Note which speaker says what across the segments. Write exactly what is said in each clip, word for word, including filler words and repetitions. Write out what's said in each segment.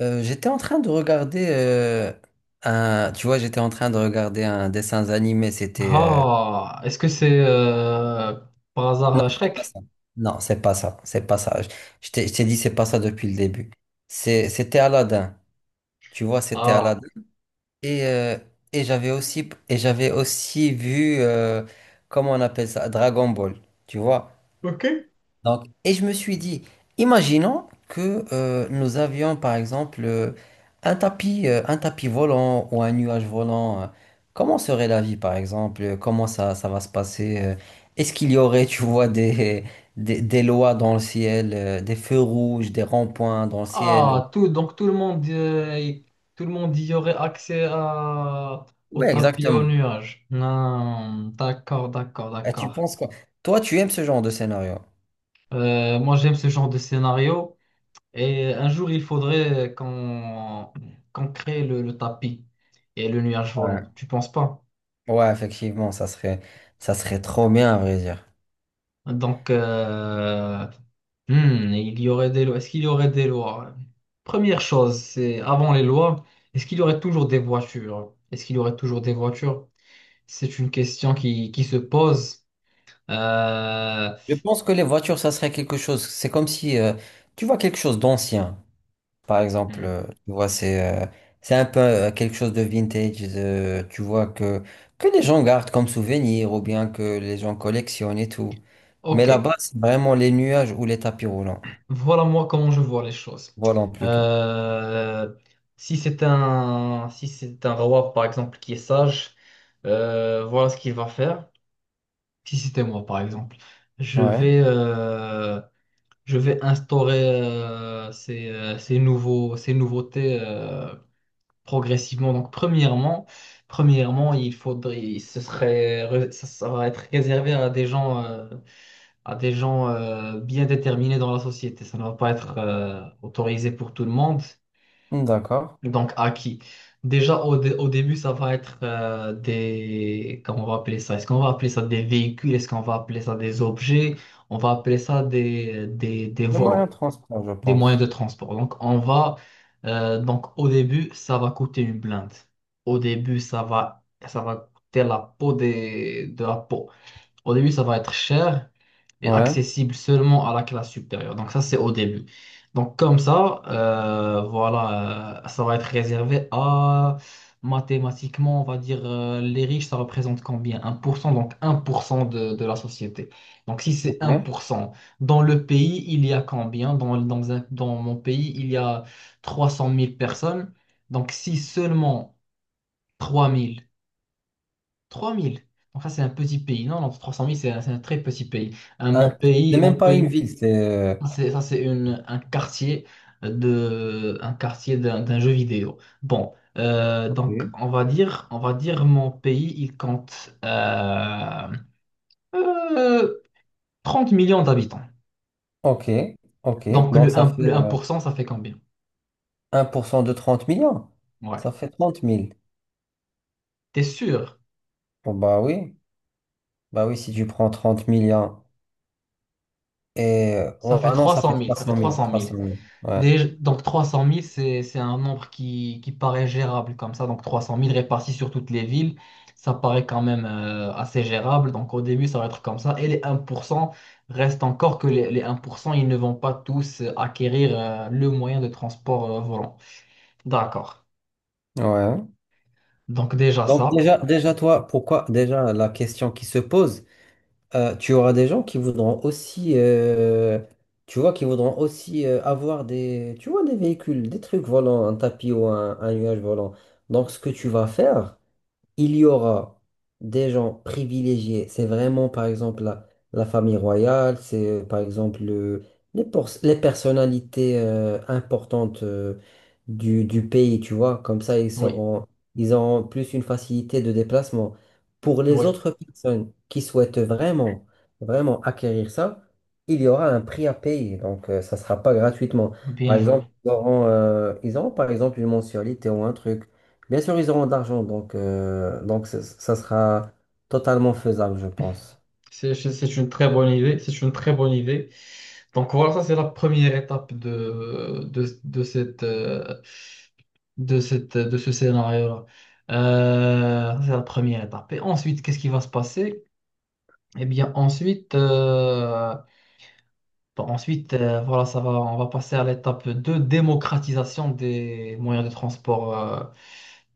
Speaker 1: Euh, j'étais en train de regarder euh, un, tu vois, j'étais en train de regarder un dessin animé. C'était euh,
Speaker 2: Ah, est-ce que c'est euh, par hasard
Speaker 1: non,
Speaker 2: euh,
Speaker 1: c'est pas
Speaker 2: Shrek?
Speaker 1: ça. Non, c'est pas ça. C'est pas ça. Je je t'ai je t'ai dit c'est pas ça depuis le début. C'est, c'était Aladdin. Tu vois, c'était
Speaker 2: Ah,
Speaker 1: Aladdin. Et euh, et j'avais aussi et j'avais aussi vu euh, comment on appelle ça, Dragon Ball. Tu vois.
Speaker 2: Ok.
Speaker 1: Donc, et je me suis dit, imaginons que euh, nous avions par exemple euh, un tapis, euh, un tapis volant ou un nuage volant. euh, comment serait la vie par exemple? euh, Comment ça, ça va se passer? euh, est-ce qu'il y aurait, tu vois, des, des, des lois dans le ciel, euh, des feux rouges, des ronds-points dans le ciel?
Speaker 2: Ah, tout, donc tout le monde, euh, y- tout le monde y aurait accès à, au
Speaker 1: Oui,
Speaker 2: tapis aux
Speaker 1: exactement.
Speaker 2: nuages. Non, d'accord, d'accord,
Speaker 1: Et tu
Speaker 2: d'accord.
Speaker 1: penses quoi? Toi, tu aimes ce genre de scénario?
Speaker 2: Euh, moi, j'aime ce genre de scénario. Et un jour, il faudrait qu'on qu'on crée le, le tapis et le nuage volant.
Speaker 1: Ouais,
Speaker 2: Tu penses pas?
Speaker 1: ouais, effectivement, ça serait, ça serait trop bien à vrai dire.
Speaker 2: Donc, euh, Hmm, il y aurait des lois. Est-ce qu'il y aurait des lois? Première chose, c'est avant les lois, est-ce qu'il y aurait toujours des voitures? Est-ce qu'il y aurait toujours des voitures? C'est une question qui, qui se pose. Euh,
Speaker 1: Je pense que les voitures, ça serait quelque chose. C'est comme si euh, tu vois quelque chose d'ancien, par exemple.
Speaker 2: hmm,
Speaker 1: euh, tu vois, c'est euh, c'est un peu euh, quelque chose de vintage. De- tu vois que que les gens gardent comme souvenir ou bien que les gens collectionnent et tout. Mais
Speaker 2: Ok,
Speaker 1: là-bas, c'est vraiment les nuages ou les tapis roulants.
Speaker 2: voilà moi comment je vois les choses.
Speaker 1: Volants plutôt.
Speaker 2: Euh, Si c'est un, si c'est un roi, par exemple, qui est sage, euh, voilà ce qu'il va faire. Si c'était moi, par exemple, je
Speaker 1: Ouais.
Speaker 2: vais... euh, je vais instaurer euh, ces, euh, ces nouveaux, ces nouveautés euh, progressivement. Donc, premièrement, premièrement, il faudrait, il- ce serait, re- ça, ça va être réservé à des gens, euh, à des gens euh, bien déterminés dans la société. Ça ne va pas être euh, autorisé pour tout le monde.
Speaker 1: D'accord.
Speaker 2: Donc, à qui? Déjà, au, dé- au début, ça va être euh, des... Comment on va appeler ça? Est-ce qu'on va appeler ça des véhicules? Est-ce qu'on va appeler ça des objets? On va appeler ça des, des, des
Speaker 1: Des
Speaker 2: volants
Speaker 1: moyens de transport, je
Speaker 2: des moyens de
Speaker 1: pense.
Speaker 2: transport. Donc, on va, euh, donc au début, ça va coûter une blinde. Au début, ça va, ça va coûter la peau des, de la peau. Au début, ça va être cher et
Speaker 1: Ouais.
Speaker 2: accessible seulement à la classe supérieure. Donc ça, c'est au début. Donc comme ça, euh, voilà, euh, ça va être réservé à, mathématiquement, on va dire, euh, les riches, ça représente combien? Un pour cent, donc un pour cent de, de la société. Donc si c'est un
Speaker 1: Ouais.
Speaker 2: pour cent dans le pays, il y a combien? Dans, dans un- dans mon pays, il y a trois cent mille personnes. Donc si seulement... trois mille, trois mille. Donc ça, c'est un petit pays. Non, non, trois cent mille, c'est un, c'est un très petit pays. Un, mon
Speaker 1: Ah, c'est
Speaker 2: pays, mon
Speaker 1: même pas une
Speaker 2: pays,
Speaker 1: ville, c'est. euh,
Speaker 2: ça, c'est ça, c'est une, un quartier de, un quartier d'un d'un jeu vidéo. Bon, euh,
Speaker 1: Ok.
Speaker 2: donc on va dire, on va dire mon pays, il compte euh, euh, trente millions d'habitants.
Speaker 1: Ok. Ok.
Speaker 2: Donc
Speaker 1: Donc
Speaker 2: le
Speaker 1: ça
Speaker 2: un,
Speaker 1: fait.
Speaker 2: le un pour cent, ça fait combien?
Speaker 1: Un pour cent de trente millions,
Speaker 2: Ouais.
Speaker 1: ça fait trente mille.
Speaker 2: T'es sûr?
Speaker 1: Bon, bah oui, bah oui, si tu prends trente millions et... euh,
Speaker 2: Ça
Speaker 1: ouais,
Speaker 2: fait
Speaker 1: ah non, ça fait
Speaker 2: trois cent mille,
Speaker 1: trois
Speaker 2: ça fait
Speaker 1: cent mille
Speaker 2: 300
Speaker 1: trois cent
Speaker 2: 000.
Speaker 1: mille Ouais.
Speaker 2: Déjà- donc trois cent mille c'est, c'est un nombre qui, qui paraît gérable comme ça. Donc trois cent mille répartis sur toutes les villes, ça paraît quand même euh, assez gérable. Donc au début, ça va être comme ça. Et les un pour cent reste encore que les, les un pour cent ils ne vont pas tous euh, acquérir euh, le moyen de transport euh, volant. D'accord.
Speaker 1: Ouais.
Speaker 2: Donc déjà
Speaker 1: Donc
Speaker 2: ça,
Speaker 1: déjà, déjà, toi, pourquoi, déjà, la question qui se pose, euh, tu auras des gens qui voudront aussi, euh, tu vois, qui voudront aussi euh, avoir des, tu vois, des véhicules, des trucs volants, un tapis ou un, un nuage volant. Donc, ce que tu vas faire, il y aura des gens privilégiés. C'est vraiment, par exemple, la, la famille royale, c'est, euh, par exemple, le- les, por- les personnalités euh, importantes euh, du, du pays, tu vois. Comme ça, ils
Speaker 2: oui,
Speaker 1: seront, ils auront plus une facilité de déplacement. Pour les
Speaker 2: oui,
Speaker 1: autres personnes qui souhaitent vraiment, vraiment acquérir ça, il y aura un prix à payer. Donc, euh, ça ne sera pas gratuitement. Par
Speaker 2: bien
Speaker 1: exemple,
Speaker 2: joué.
Speaker 1: ils auront, euh, ils auront, par exemple, une mensualité ou un truc. Bien sûr, ils auront de l'argent, donc, euh, donc ça ça sera totalement faisable, je pense.
Speaker 2: C'est c'est une très bonne idée. C'est une très bonne idée. Donc voilà, ça c'est la première étape de, de, de cette... euh, de cette, de ce scénario-là. Euh, c'est la première étape. Et ensuite, qu'est-ce qui va se passer? Eh bien, ensuite, euh, bon, ensuite euh, voilà, ça va, on va passer à l'étape de démocratisation des moyens de transport euh,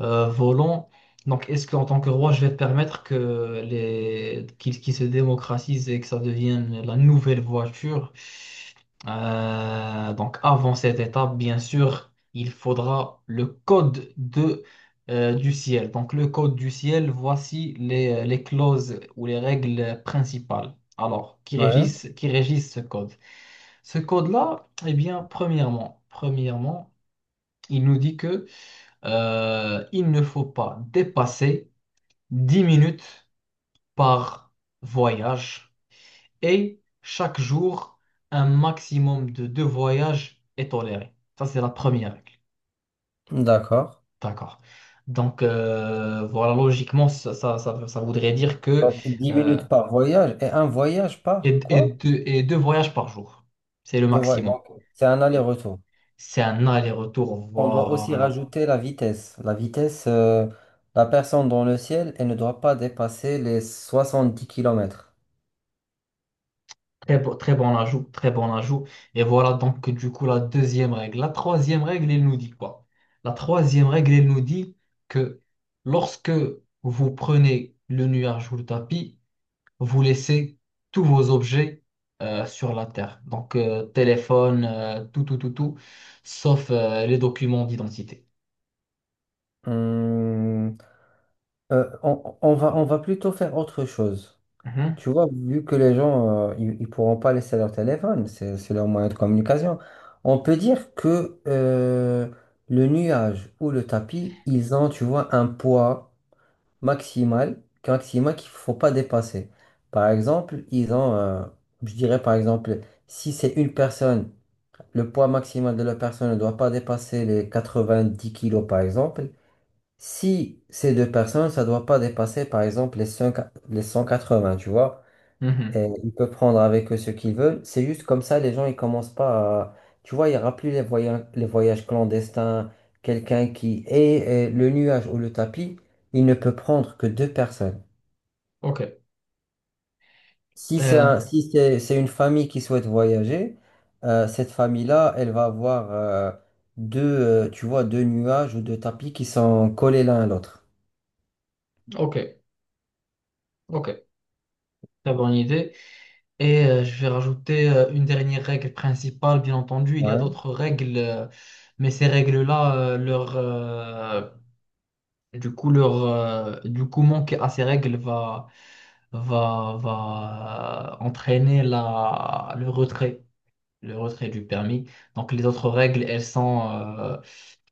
Speaker 2: euh, volant. Donc, est-ce qu'en tant que roi, je vais permettre que les... qu'il qu'il se démocratise et que ça devienne la nouvelle voiture? Euh, donc, avant cette étape, bien sûr, il faudra le code de, euh, du ciel. Donc, le code du ciel, voici les, euh, les clauses ou les règles principales. Alors, qui
Speaker 1: Ouais,
Speaker 2: régissent, qui régissent ce code? Ce code-là, eh bien, premièrement, premièrement, il nous dit que euh, il ne faut pas dépasser dix minutes par voyage et chaque jour, un maximum de deux voyages est toléré. Ça, c'est la première règle.
Speaker 1: d'accord.
Speaker 2: D'accord. Donc, euh, voilà, logiquement, ça, ça, ça- ça voudrait dire que
Speaker 1: Donc, dix
Speaker 2: euh,
Speaker 1: minutes par voyage et un voyage
Speaker 2: et,
Speaker 1: par
Speaker 2: et
Speaker 1: quoi?
Speaker 2: deux, et deux voyages par jour, c'est le
Speaker 1: Deux voyages.
Speaker 2: maximum.
Speaker 1: Donc, c'est un aller-retour.
Speaker 2: C'est un aller-retour,
Speaker 1: On doit aussi
Speaker 2: voilà.
Speaker 1: rajouter la vitesse. La vitesse, euh, la personne dans le ciel, elle ne doit pas dépasser les soixante-dix kilomètres.
Speaker 2: Très bon, très bon ajout, très bon ajout. Et voilà donc du coup la deuxième règle. La troisième règle, elle nous dit quoi? La troisième règle, elle nous dit que lorsque vous prenez le nuage ou le tapis, vous laissez tous vos objets euh, sur la terre. Donc euh, téléphone, euh, tout, tout, tout, tout, sauf euh, les documents d'identité.
Speaker 1: on, on va, on va plutôt faire autre chose.
Speaker 2: Mhm,
Speaker 1: Tu vois, vu que les gens, euh, ils, ils pourront pas laisser leur téléphone, c'est, c'est leur moyen de communication. On peut dire que euh, le nuage ou le tapis, ils ont, tu vois, un poids maximal, maximal qu'il faut pas dépasser. Par exemple, ils ont, euh, je dirais par exemple, si c'est une personne, le poids maximal de la personne ne doit pas dépasser les quatre-vingt-dix kilos, par exemple. Si c'est deux personnes, ça ne doit pas dépasser, par exemple, les cinq les cent quatre-vingts, tu vois. Et
Speaker 2: mhm.
Speaker 1: ils peuvent prendre avec eux ce qu'ils veulent. C'est juste comme ça, les gens, ils commencent pas à... Tu vois, il n'y aura plus les voyages, les voyages clandestins, quelqu'un qui est euh, le nuage ou le tapis, il ne peut prendre que deux personnes.
Speaker 2: Ok,
Speaker 1: Si c'est
Speaker 2: Euh,
Speaker 1: un- si c'est, c'est une famille qui souhaite voyager, euh, cette famille-là, elle va avoir euh, deux, euh, tu vois, deux nuages ou deux tapis qui sont collés l'un à l'autre.
Speaker 2: ok, ok. Très bonne idée. Et euh, je vais rajouter euh, une dernière règle principale, bien entendu. Il y a
Speaker 1: Ouais.
Speaker 2: d'autres règles, euh, mais ces règles-là, euh, leur, euh, du coup, leur, euh, du coup, manquer à ces règles va, va, va entraîner la, le retrait, le retrait du permis. Donc, les autres règles, elles sont, euh,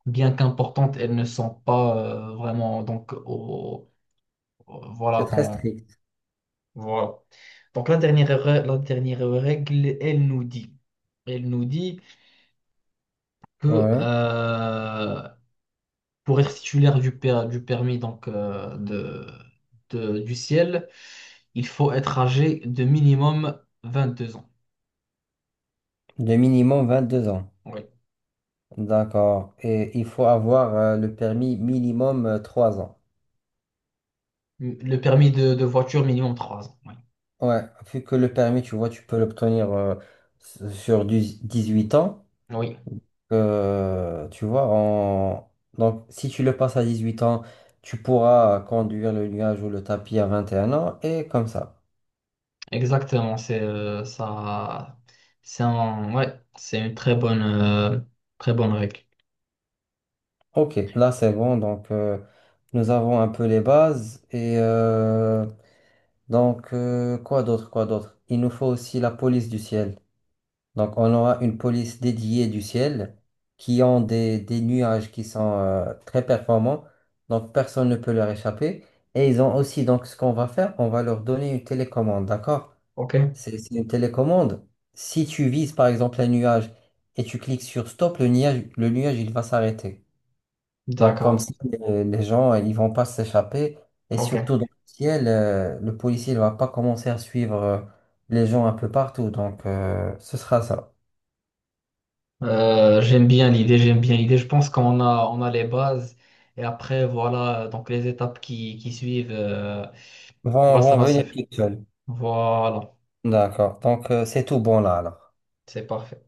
Speaker 2: bien qu'importantes, elles ne sont pas euh, vraiment donc au, au-
Speaker 1: C'est
Speaker 2: voilà,
Speaker 1: très strict.
Speaker 2: voilà. Donc la dernière, re- la dernière règle, elle nous dit, elle nous dit que
Speaker 1: Ouais.
Speaker 2: euh, pour être titulaire du, per- du permis donc, euh, de, de- du ciel, il faut être âgé de minimum vingt deux ans.
Speaker 1: De minimum vingt-deux ans.
Speaker 2: Oui.
Speaker 1: D'accord. Et il faut avoir euh, le permis minimum euh, trois ans.
Speaker 2: Le permis de, de voiture minimum trois ans. Oui,
Speaker 1: Ouais, vu que le permis, tu vois, tu peux l'obtenir euh, s- sur du- dix-huit ans.
Speaker 2: oui,
Speaker 1: euh, tu vois, en... donc si tu le passes à dix huit ans, tu pourras conduire le nuage ou le tapis à vingt et un ans et comme ça.
Speaker 2: exactement. C'est euh, ça. C'est un- ouais, c'est une très bonne, euh, très bonne règle.
Speaker 1: Ok, là c'est bon. Donc euh, nous avons un peu les bases. Et euh, donc, euh, quoi d'autre, quoi d'autre? Il nous faut aussi la police du ciel. Donc, on aura une police dédiée du ciel qui ont des, des nuages qui sont euh, très performants. Donc, personne ne peut leur échapper. Et ils ont aussi, donc, ce qu'on va faire, on va leur donner une télécommande, d'accord?
Speaker 2: OK.
Speaker 1: C'est c'est une télécommande. Si tu vises, par exemple, un nuage et tu cliques sur stop, le nuage, le nuage, il va s'arrêter. Donc, comme
Speaker 2: D'accord.
Speaker 1: ça, les, les gens, ils vont pas s'échapper. Et
Speaker 2: OK.
Speaker 1: surtout, dans le ciel, euh, le policier ne va pas commencer à suivre euh, les gens un peu partout. Donc, euh, ce sera ça.
Speaker 2: Euh, j'aime bien l'idée, j'aime bien l'idée. Je pense qu'on a, on a les bases et après, voilà, donc les étapes qui, qui suivent, euh, voilà,
Speaker 1: Vont,
Speaker 2: ça
Speaker 1: vont
Speaker 2: va se
Speaker 1: venir
Speaker 2: faire.
Speaker 1: toutes seules.
Speaker 2: Voilà,
Speaker 1: D'accord. Donc, euh, c'est tout bon là, alors.
Speaker 2: c'est parfait.